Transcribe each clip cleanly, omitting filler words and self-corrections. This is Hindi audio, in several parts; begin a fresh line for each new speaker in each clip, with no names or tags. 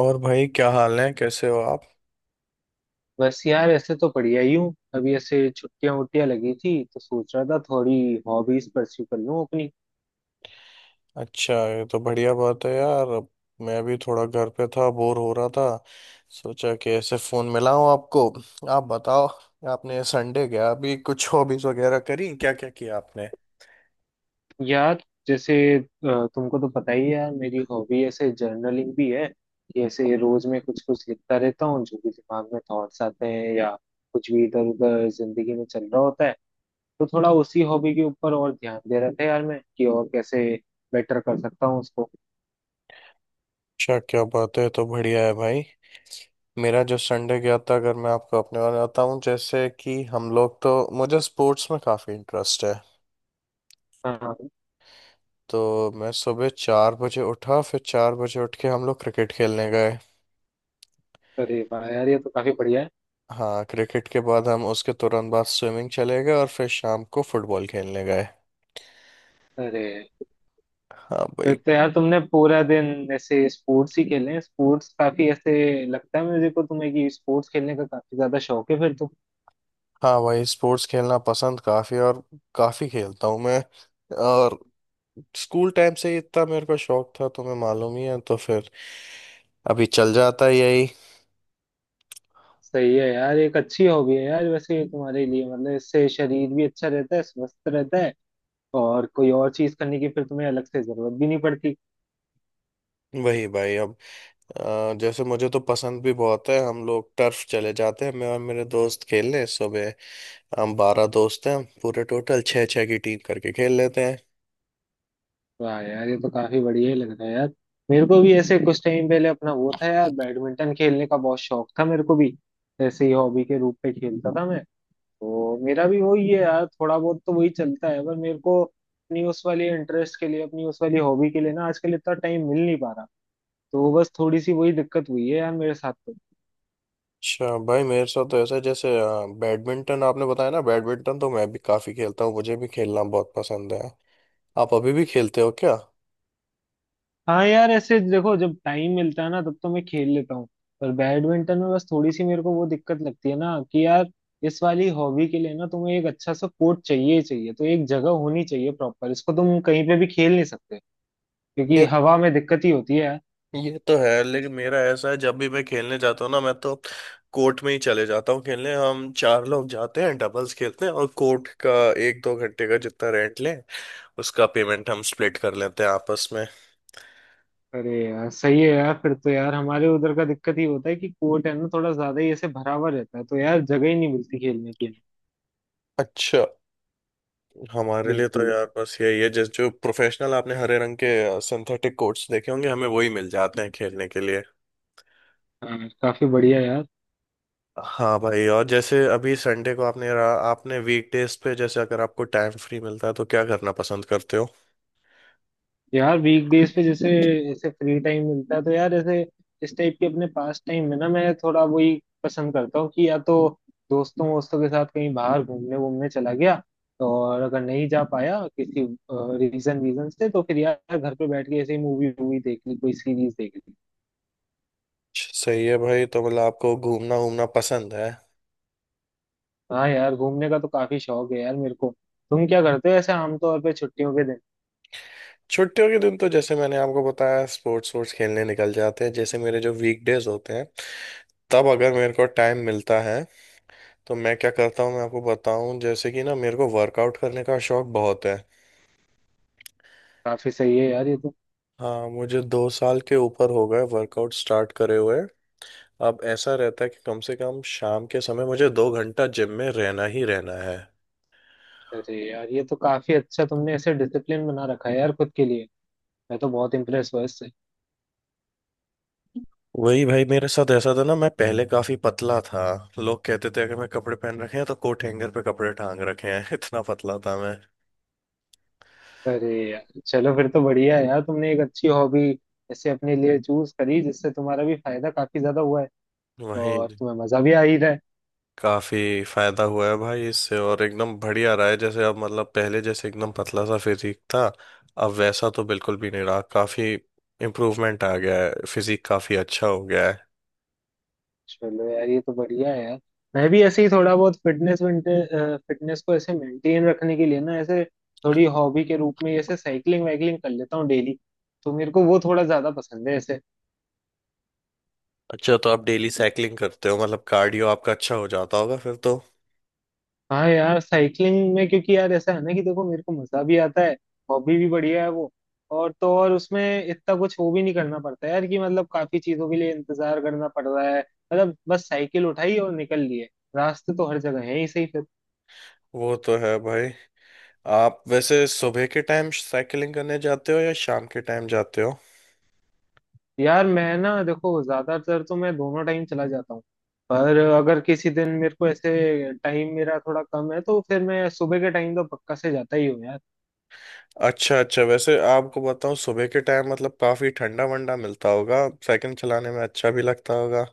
और भाई क्या हाल है, कैसे हो आप।
बस यार, ऐसे तो बढ़िया ही हूँ। अभी ऐसे छुट्टियां वुट्टियां लगी थी तो सोच रहा था थोड़ी हॉबीज परस्यू कर लूँ अपनी।
अच्छा, ये तो बढ़िया बात है यार। अब मैं भी थोड़ा घर पे था, बोर हो रहा था। सोचा कि ऐसे फोन मिलाऊं आपको। आप बताओ, आपने संडे गया अभी, कुछ हॉबीज वगैरह करी, क्या क्या किया आपने।
यार, जैसे तुमको तो पता ही है यार, मेरी हॉबी ऐसे जर्नलिंग भी है कि ऐसे रोज में कुछ कुछ लिखता रहता हूँ जो भी दिमाग में थॉट्स आते हैं या कुछ भी इधर उधर जिंदगी में चल रहा होता है। तो थोड़ा उसी हॉबी के ऊपर और ध्यान दे रहा था यार मैं कि और कैसे बेटर कर सकता हूँ उसको।
अच्छा, क्या बात है, तो बढ़िया है भाई। मेरा जो संडे गया था, अगर मैं आपको अपने बारे में बताऊं, जैसे कि हम लोग, तो मुझे स्पोर्ट्स में काफ़ी इंटरेस्ट है।
हाँ।
तो मैं सुबह 4 बजे उठा, फिर 4 बजे उठ के हम लोग क्रिकेट खेलने गए।
अरे वाह यार, ये तो काफी बढ़िया है।
हाँ, क्रिकेट के बाद हम उसके तुरंत बाद स्विमिंग चले गए और फिर शाम को फुटबॉल खेलने गए।
अरे।
हाँ
फिर
भाई।
तो यार तुमने पूरा दिन ऐसे स्पोर्ट्स ही खेले हैं। स्पोर्ट्स काफी ऐसे, लगता है मुझे को तुम्हें कि स्पोर्ट्स खेलने का काफी ज्यादा शौक है फिर तो।
हाँ भाई, स्पोर्ट्स खेलना पसंद काफ़ी, और काफ़ी खेलता हूँ मैं। और स्कूल टाइम से ही इतना मेरे को शौक था, तुम्हें मालूम ही है, तो फिर अभी चल जाता है यही।
सही है यार, एक अच्छी हॉबी है यार। वैसे ये तुम्हारे लिए मतलब इससे शरीर भी अच्छा रहता है, स्वस्थ रहता है। और कोई और चीज करने की फिर तुम्हें अलग से जरूरत भी नहीं पड़ती।
वही भाई, अब जैसे मुझे तो पसंद भी बहुत है। हम लोग टर्फ चले जाते हैं, मैं और मेरे दोस्त खेलने सुबह। हम 12 दोस्त हैं, पूरे टोटल छः छः की टीम करके खेल लेते हैं।
वाह यार, ये तो काफी बढ़िया ही लग रहा है यार। मेरे को भी ऐसे कुछ टाइम पहले अपना वो था यार, बैडमिंटन खेलने का बहुत शौक था मेरे को भी। ऐसे ही हॉबी के रूप में खेलता था मैं। तो मेरा भी वही है यार, थोड़ा बहुत तो वही चलता है पर मेरे को अपनी उस वाली इंटरेस्ट के लिए अपनी उस वाली हॉबी के लिए ना आजकल इतना टाइम मिल नहीं पा रहा। तो बस थोड़ी सी वही दिक्कत हुई है यार मेरे साथ तो।
अच्छा भाई, मेरे साथ तो ऐसा है, जैसे बैडमिंटन आपने बताया ना, बैडमिंटन तो मैं भी काफी खेलता हूँ, मुझे भी खेलना बहुत पसंद है। आप अभी भी खेलते हो क्या।
हाँ यार, ऐसे देखो जब टाइम मिलता है ना तब तो मैं खेल लेता हूँ। पर बैडमिंटन में बस थोड़ी सी मेरे को वो दिक्कत लगती है ना कि यार इस वाली हॉबी के लिए ना तुम्हें एक अच्छा सा कोर्ट चाहिए ही चाहिए, तो एक जगह होनी चाहिए प्रॉपर, इसको तुम कहीं पे भी खेल नहीं सकते क्योंकि
ये
हवा में दिक्कत ही होती है।
ये तो है, लेकिन मेरा ऐसा है, जब भी मैं खेलने जाता हूँ ना, मैं तो कोर्ट में ही चले जाता हूँ खेलने। हम चार लोग जाते हैं, डबल्स खेलते हैं, और कोर्ट का एक दो घंटे का जितना रेंट लें, उसका पेमेंट हम स्प्लिट कर लेते हैं आपस में।
अरे यार, सही है यार। फिर तो यार हमारे उधर का दिक्कत ही होता है कि कोर्ट है ना थोड़ा ज्यादा ही ऐसे भरा हुआ रहता है, तो यार जगह ही नहीं मिलती खेलने की।
अच्छा। हमारे लिए तो
बिल्कुल।
यार बस यही है, जैसे जो प्रोफेशनल आपने हरे रंग के सिंथेटिक कोर्ट्स देखे होंगे, हमें वही मिल जाते हैं खेलने के लिए।
हाँ, काफी बढ़िया यार।
हाँ भाई। और जैसे अभी संडे को आपने रहा, आपने वीकडेज पे जैसे, अगर आपको टाइम फ्री मिलता है, तो क्या करना पसंद करते हो।
यार वीकडेज पे जैसे ऐसे फ्री टाइम मिलता है तो यार ऐसे इस टाइप के अपने पास टाइम में ना मैं थोड़ा वही पसंद करता हूँ कि या तो दोस्तों वोस्तों के साथ कहीं बाहर घूमने वूमने चला गया, और अगर नहीं जा पाया किसी रीजन वीजन से तो फिर यार घर पे बैठ के ऐसे मूवी वूवी देख ली कोई सीरीज देख ली।
सही है भाई, तो मतलब आपको घूमना घूमना पसंद है।
हाँ यार, घूमने का तो काफी शौक है यार मेरे को। तुम क्या करते हो ऐसे आमतौर पे छुट्टियों के दिन?
छुट्टियों के दिन तो जैसे मैंने आपको बताया, स्पोर्ट्स वोर्ट्स खेलने निकल जाते हैं। जैसे मेरे जो वीकडेज होते हैं, तब अगर मेरे को टाइम मिलता है, तो मैं क्या करता हूँ, मैं आपको बताऊँ, जैसे कि ना, मेरे को वर्कआउट करने का शौक बहुत है।
काफी सही है यार ये तो।
हाँ, मुझे 2 साल के ऊपर हो गए वर्कआउट स्टार्ट करे हुए। अब ऐसा रहता है कि कम से कम शाम के समय मुझे 2 घंटा जिम में रहना ही रहना है।
अरे यार, ये तो काफी अच्छा, तुमने ऐसे डिसिप्लिन बना रखा है यार खुद के लिए। मैं तो बहुत इम्प्रेस हुआ इससे।
वही भाई, मेरे साथ ऐसा था ना, मैं पहले काफी पतला था। लोग कहते थे, अगर मैं कपड़े पहन रखे हैं, तो कोट हैंगर पे कपड़े टांग रखे हैं इतना पतला था मैं।
अरे यार चलो, फिर तो बढ़िया है यार, तुमने एक अच्छी हॉबी ऐसे अपने लिए चूज करी जिससे तुम्हारा भी फायदा काफी ज्यादा हुआ है।
वही।
और तुम्हें मजा भी आ ही रहा है।
काफी फायदा हुआ है भाई इससे, और एकदम बढ़िया रहा है। जैसे अब मतलब, पहले जैसे एकदम पतला सा फिजिक था, अब वैसा तो बिल्कुल भी नहीं रहा। काफी इम्प्रूवमेंट आ गया है, फिजिक काफी अच्छा हो गया है।
चलो यार, ये तो बढ़िया है यार। मैं भी ऐसे ही थोड़ा बहुत फिटनेस, फिटनेस को ऐसे मेंटेन रखने के लिए ना ऐसे थोड़ी हॉबी के रूप में ऐसे साइकिलिंग वाइकलिंग कर लेता हूँ डेली। तो मेरे को वो थोड़ा ज्यादा पसंद है ऐसे।
अच्छा, तो आप डेली साइकिलिंग करते हो, मतलब कार्डियो आपका अच्छा हो जाता होगा फिर तो।
हाँ यार, साइकिलिंग में क्योंकि यार ऐसा है ना कि देखो, मेरे को मजा भी आता है, हॉबी भी बढ़िया है वो। और तो और उसमें इतना कुछ वो भी नहीं करना पड़ता यार कि मतलब काफी चीजों के लिए इंतजार करना पड़ रहा है, मतलब बस साइकिल उठाई और निकल लिए। रास्ते तो हर जगह है ही सही।
वो तो है भाई। आप वैसे सुबह के टाइम साइकिलिंग करने जाते हो या शाम के टाइम जाते हो।
यार मैं ना देखो ज्यादातर तो मैं दोनों टाइम चला जाता हूँ। पर अगर किसी दिन मेरे को ऐसे टाइम मेरा थोड़ा कम है तो फिर मैं सुबह के टाइम तो पक्का से जाता ही हूँ यार।
अच्छा अच्छा, वैसे आपको बताऊं, सुबह के टाइम मतलब काफी ठंडा वंडा मिलता होगा, साइकिल चलाने में अच्छा भी लगता होगा।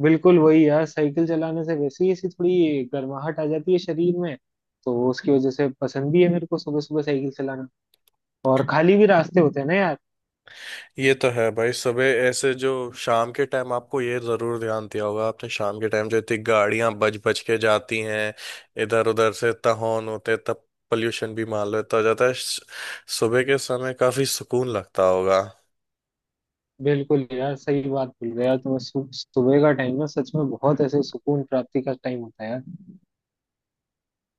बिल्कुल वही यार, साइकिल चलाने से वैसे ही ऐसी थोड़ी गर्माहट आ जाती है शरीर में, तो उसकी वजह से पसंद भी है मेरे को सुबह सुबह साइकिल चलाना। और खाली भी रास्ते होते हैं ना यार।
ये तो है भाई, सुबह ऐसे जो, शाम के टाइम आपको ये जरूर ध्यान दिया होगा आपने, शाम के टाइम जो इतनी गाड़ियां बज बज के जाती हैं, इधर उधर से इतना हॉर्न होते तब पोल्यूशन भी मान लो इतना हो जाता है, सुबह के समय काफी सुकून लगता होगा।
बिल्कुल यार, सही बात बोल रहे हो यार। तुम्हें सुबह का टाइम ना सच में बहुत ऐसे सुकून प्राप्ति का टाइम होता है यार।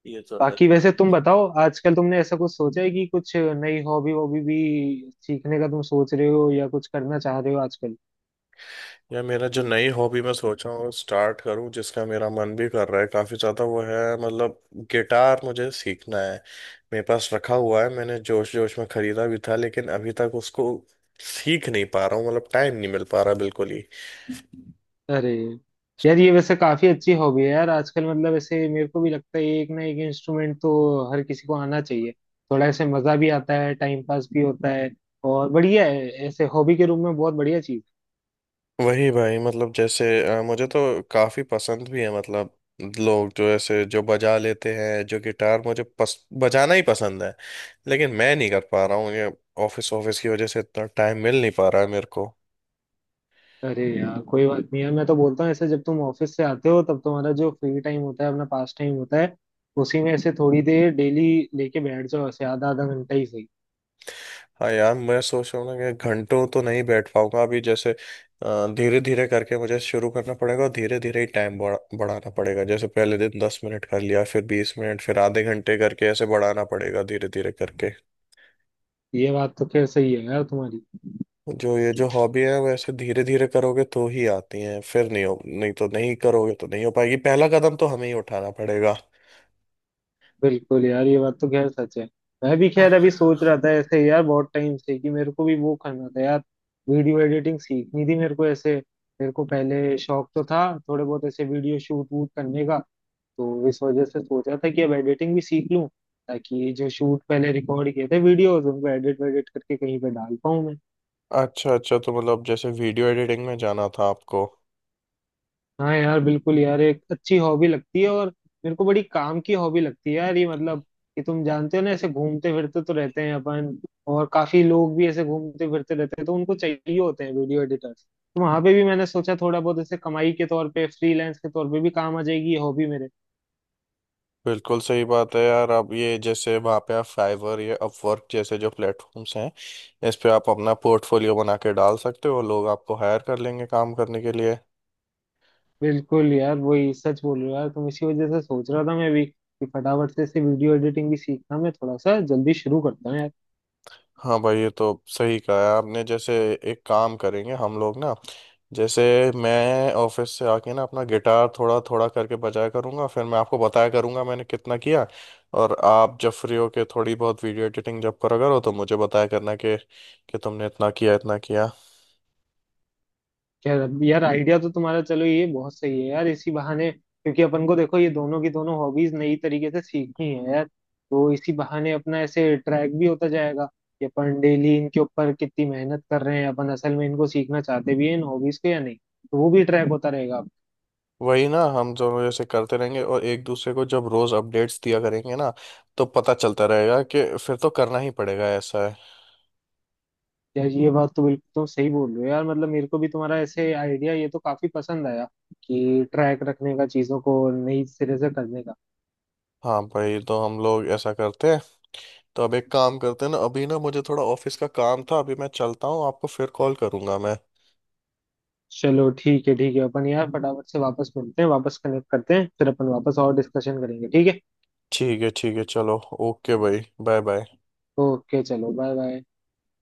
ये तो है।
बाकी वैसे तुम बताओ, आजकल तुमने ऐसा कुछ सोचा है कि कुछ नई हॉबी वॉबी भी सीखने का तुम सोच रहे हो या कुछ करना चाह रहे हो आजकल?
या मेरा जो नई हॉबी मैं सोचा हूँ स्टार्ट करूँ, जिसका मेरा मन भी कर रहा है काफ़ी ज़्यादा, वो है मतलब गिटार मुझे सीखना है। मेरे पास रखा हुआ है, मैंने जोश जोश में खरीदा भी था, लेकिन अभी तक उसको सीख नहीं पा रहा हूँ, मतलब टाइम नहीं मिल पा रहा बिल्कुल ही।
अरे यार, ये वैसे काफी अच्छी हॉबी है यार आजकल। मतलब ऐसे मेरे को भी लगता है एक ना एक इंस्ट्रूमेंट तो हर किसी को आना चाहिए। थोड़ा ऐसे मजा भी आता है, टाइम पास भी होता है। और बढ़िया है ऐसे हॉबी के रूप में, बहुत बढ़िया चीज।
वही भाई, मतलब जैसे मुझे तो काफी पसंद भी है। मतलब लोग जो ऐसे जो बजा लेते हैं जो गिटार, मुझे बजाना ही पसंद है, लेकिन मैं नहीं कर पा रहा हूँ ये। ऑफिस ऑफिस की वजह से इतना टाइम मिल नहीं पा रहा है मेरे को।
अरे यार, कोई बात नहीं है, मैं तो बोलता हूँ ऐसे जब तुम ऑफिस से आते हो तब तुम्हारा जो फ्री टाइम होता है अपना पास टाइम होता है, उसी में ऐसे थोड़ी देर डेली लेके बैठ जाओ, ऐसे आधा आधा घंटा ही सही।
हाँ यार, मैं सोच रहा हूँ ना कि घंटों तो नहीं बैठ पाऊंगा अभी। जैसे धीरे धीरे करके मुझे शुरू करना पड़ेगा, और धीरे धीरे ही टाइम बढ़ा बढ़ाना पड़ेगा। जैसे पहले दिन 10 मिनट कर लिया, फिर 20 मिनट, फिर आधे घंटे, करके ऐसे बढ़ाना पड़ेगा धीरे धीरे करके।
ये बात तो खैर सही है यार तुम्हारी।
जो ये जो हॉबी है, वो ऐसे धीरे धीरे करोगे तो ही आती है, फिर नहीं हो, नहीं तो नहीं करोगे तो नहीं हो पाएगी, पहला कदम तो हमें ही उठाना पड़ेगा।
बिल्कुल यार, ये बात तो खैर सच है। मैं भी खैर अभी सोच रहा था ऐसे यार बहुत टाइम से कि मेरे को भी वो करना था यार, वीडियो एडिटिंग सीखनी थी मेरे को ऐसे। मेरे को पहले शौक तो था थोड़े बहुत ऐसे वीडियो शूट वूट करने का, तो इस वजह से सोचा था कि अब एडिटिंग भी सीख लूं, ताकि ये जो शूट पहले रिकॉर्ड किए थे वीडियोस उनको एडिट वेडिट करके कहीं पे डाल पाऊं मैं।
अच्छा अच्छा, तो मतलब जैसे वीडियो एडिटिंग में जाना था आपको।
हाँ यार, बिल्कुल यार, एक अच्छी हॉबी लगती है और मेरे को बड़ी काम की हॉबी लगती है यार ये, मतलब कि तुम जानते हो ना ऐसे घूमते फिरते तो रहते हैं अपन, और काफी लोग भी ऐसे घूमते फिरते रहते हैं तो उनको चाहिए होते हैं वीडियो एडिटर्स। तो वहां पे भी मैंने सोचा थोड़ा बहुत ऐसे कमाई के तौर पे फ्रीलांस के तौर पे भी काम आ जाएगी ये हॉबी मेरे।
बिल्कुल सही बात है यार। अब ये जैसे वहाँ पे आप फाइवर या अपवर्क जैसे जो प्लेटफॉर्म्स हैं, इस पे आप अपना पोर्टफोलियो बना के डाल सकते हो, लोग आपको हायर कर लेंगे काम करने के लिए।
बिल्कुल यार, वही सच बोल रहे हो यार तुम। इसी वजह से सोच रहा था मैं भी कि फटाफट से इसे वीडियो एडिटिंग भी सीखना मैं थोड़ा सा जल्दी शुरू करता हूँ यार।
हाँ भाई, ये तो सही कहा है आपने। जैसे एक काम करेंगे हम लोग ना, जैसे मैं ऑफिस से आके ना अपना गिटार थोड़ा थोड़ा करके बजाया करूँगा, फिर मैं आपको बताया करूँगा मैंने कितना किया। और आप जब फ्री हो के थोड़ी बहुत वीडियो एडिटिंग जब करा करो, तो मुझे बताया करना कि तुमने इतना किया इतना किया।
यार यार, आइडिया तो तुम्हारा चलो ये बहुत सही है यार इसी बहाने, क्योंकि अपन को देखो ये दोनों की दोनों हॉबीज नई तरीके से सीखनी है यार, तो इसी बहाने अपना ऐसे ट्रैक भी होता जाएगा कि अपन डेली इनके ऊपर कितनी मेहनत कर रहे हैं, अपन असल में इनको सीखना चाहते भी हैं इन हॉबीज को या नहीं, तो वो भी ट्रैक होता रहेगा।
वही ना, हम दोनों जैसे करते रहेंगे और एक दूसरे को जब रोज अपडेट्स दिया करेंगे ना, तो पता चलता रहेगा कि फिर तो करना ही पड़ेगा, ऐसा है।
यार ये बात तो बिल्कुल तुम सही बोल रहे हो यार, मतलब मेरे को भी तुम्हारा ऐसे आइडिया ये तो काफी पसंद आया कि ट्रैक रखने का चीजों को, नई सिरे से करने का।
हाँ भाई, तो हम लोग ऐसा करते हैं। तो अब एक काम करते हैं ना, अभी ना मुझे थोड़ा ऑफिस का काम था, अभी मैं चलता हूँ, आपको फिर कॉल करूंगा मैं।
चलो ठीक है ठीक है, अपन यार फटाफट से वापस मिलते हैं, वापस कनेक्ट करते हैं, फिर अपन वापस और डिस्कशन करेंगे, ठीक है?
ठीक है ठीक है, चलो। ओके भाई। Bye bye.
ओके चलो, बाय बाय।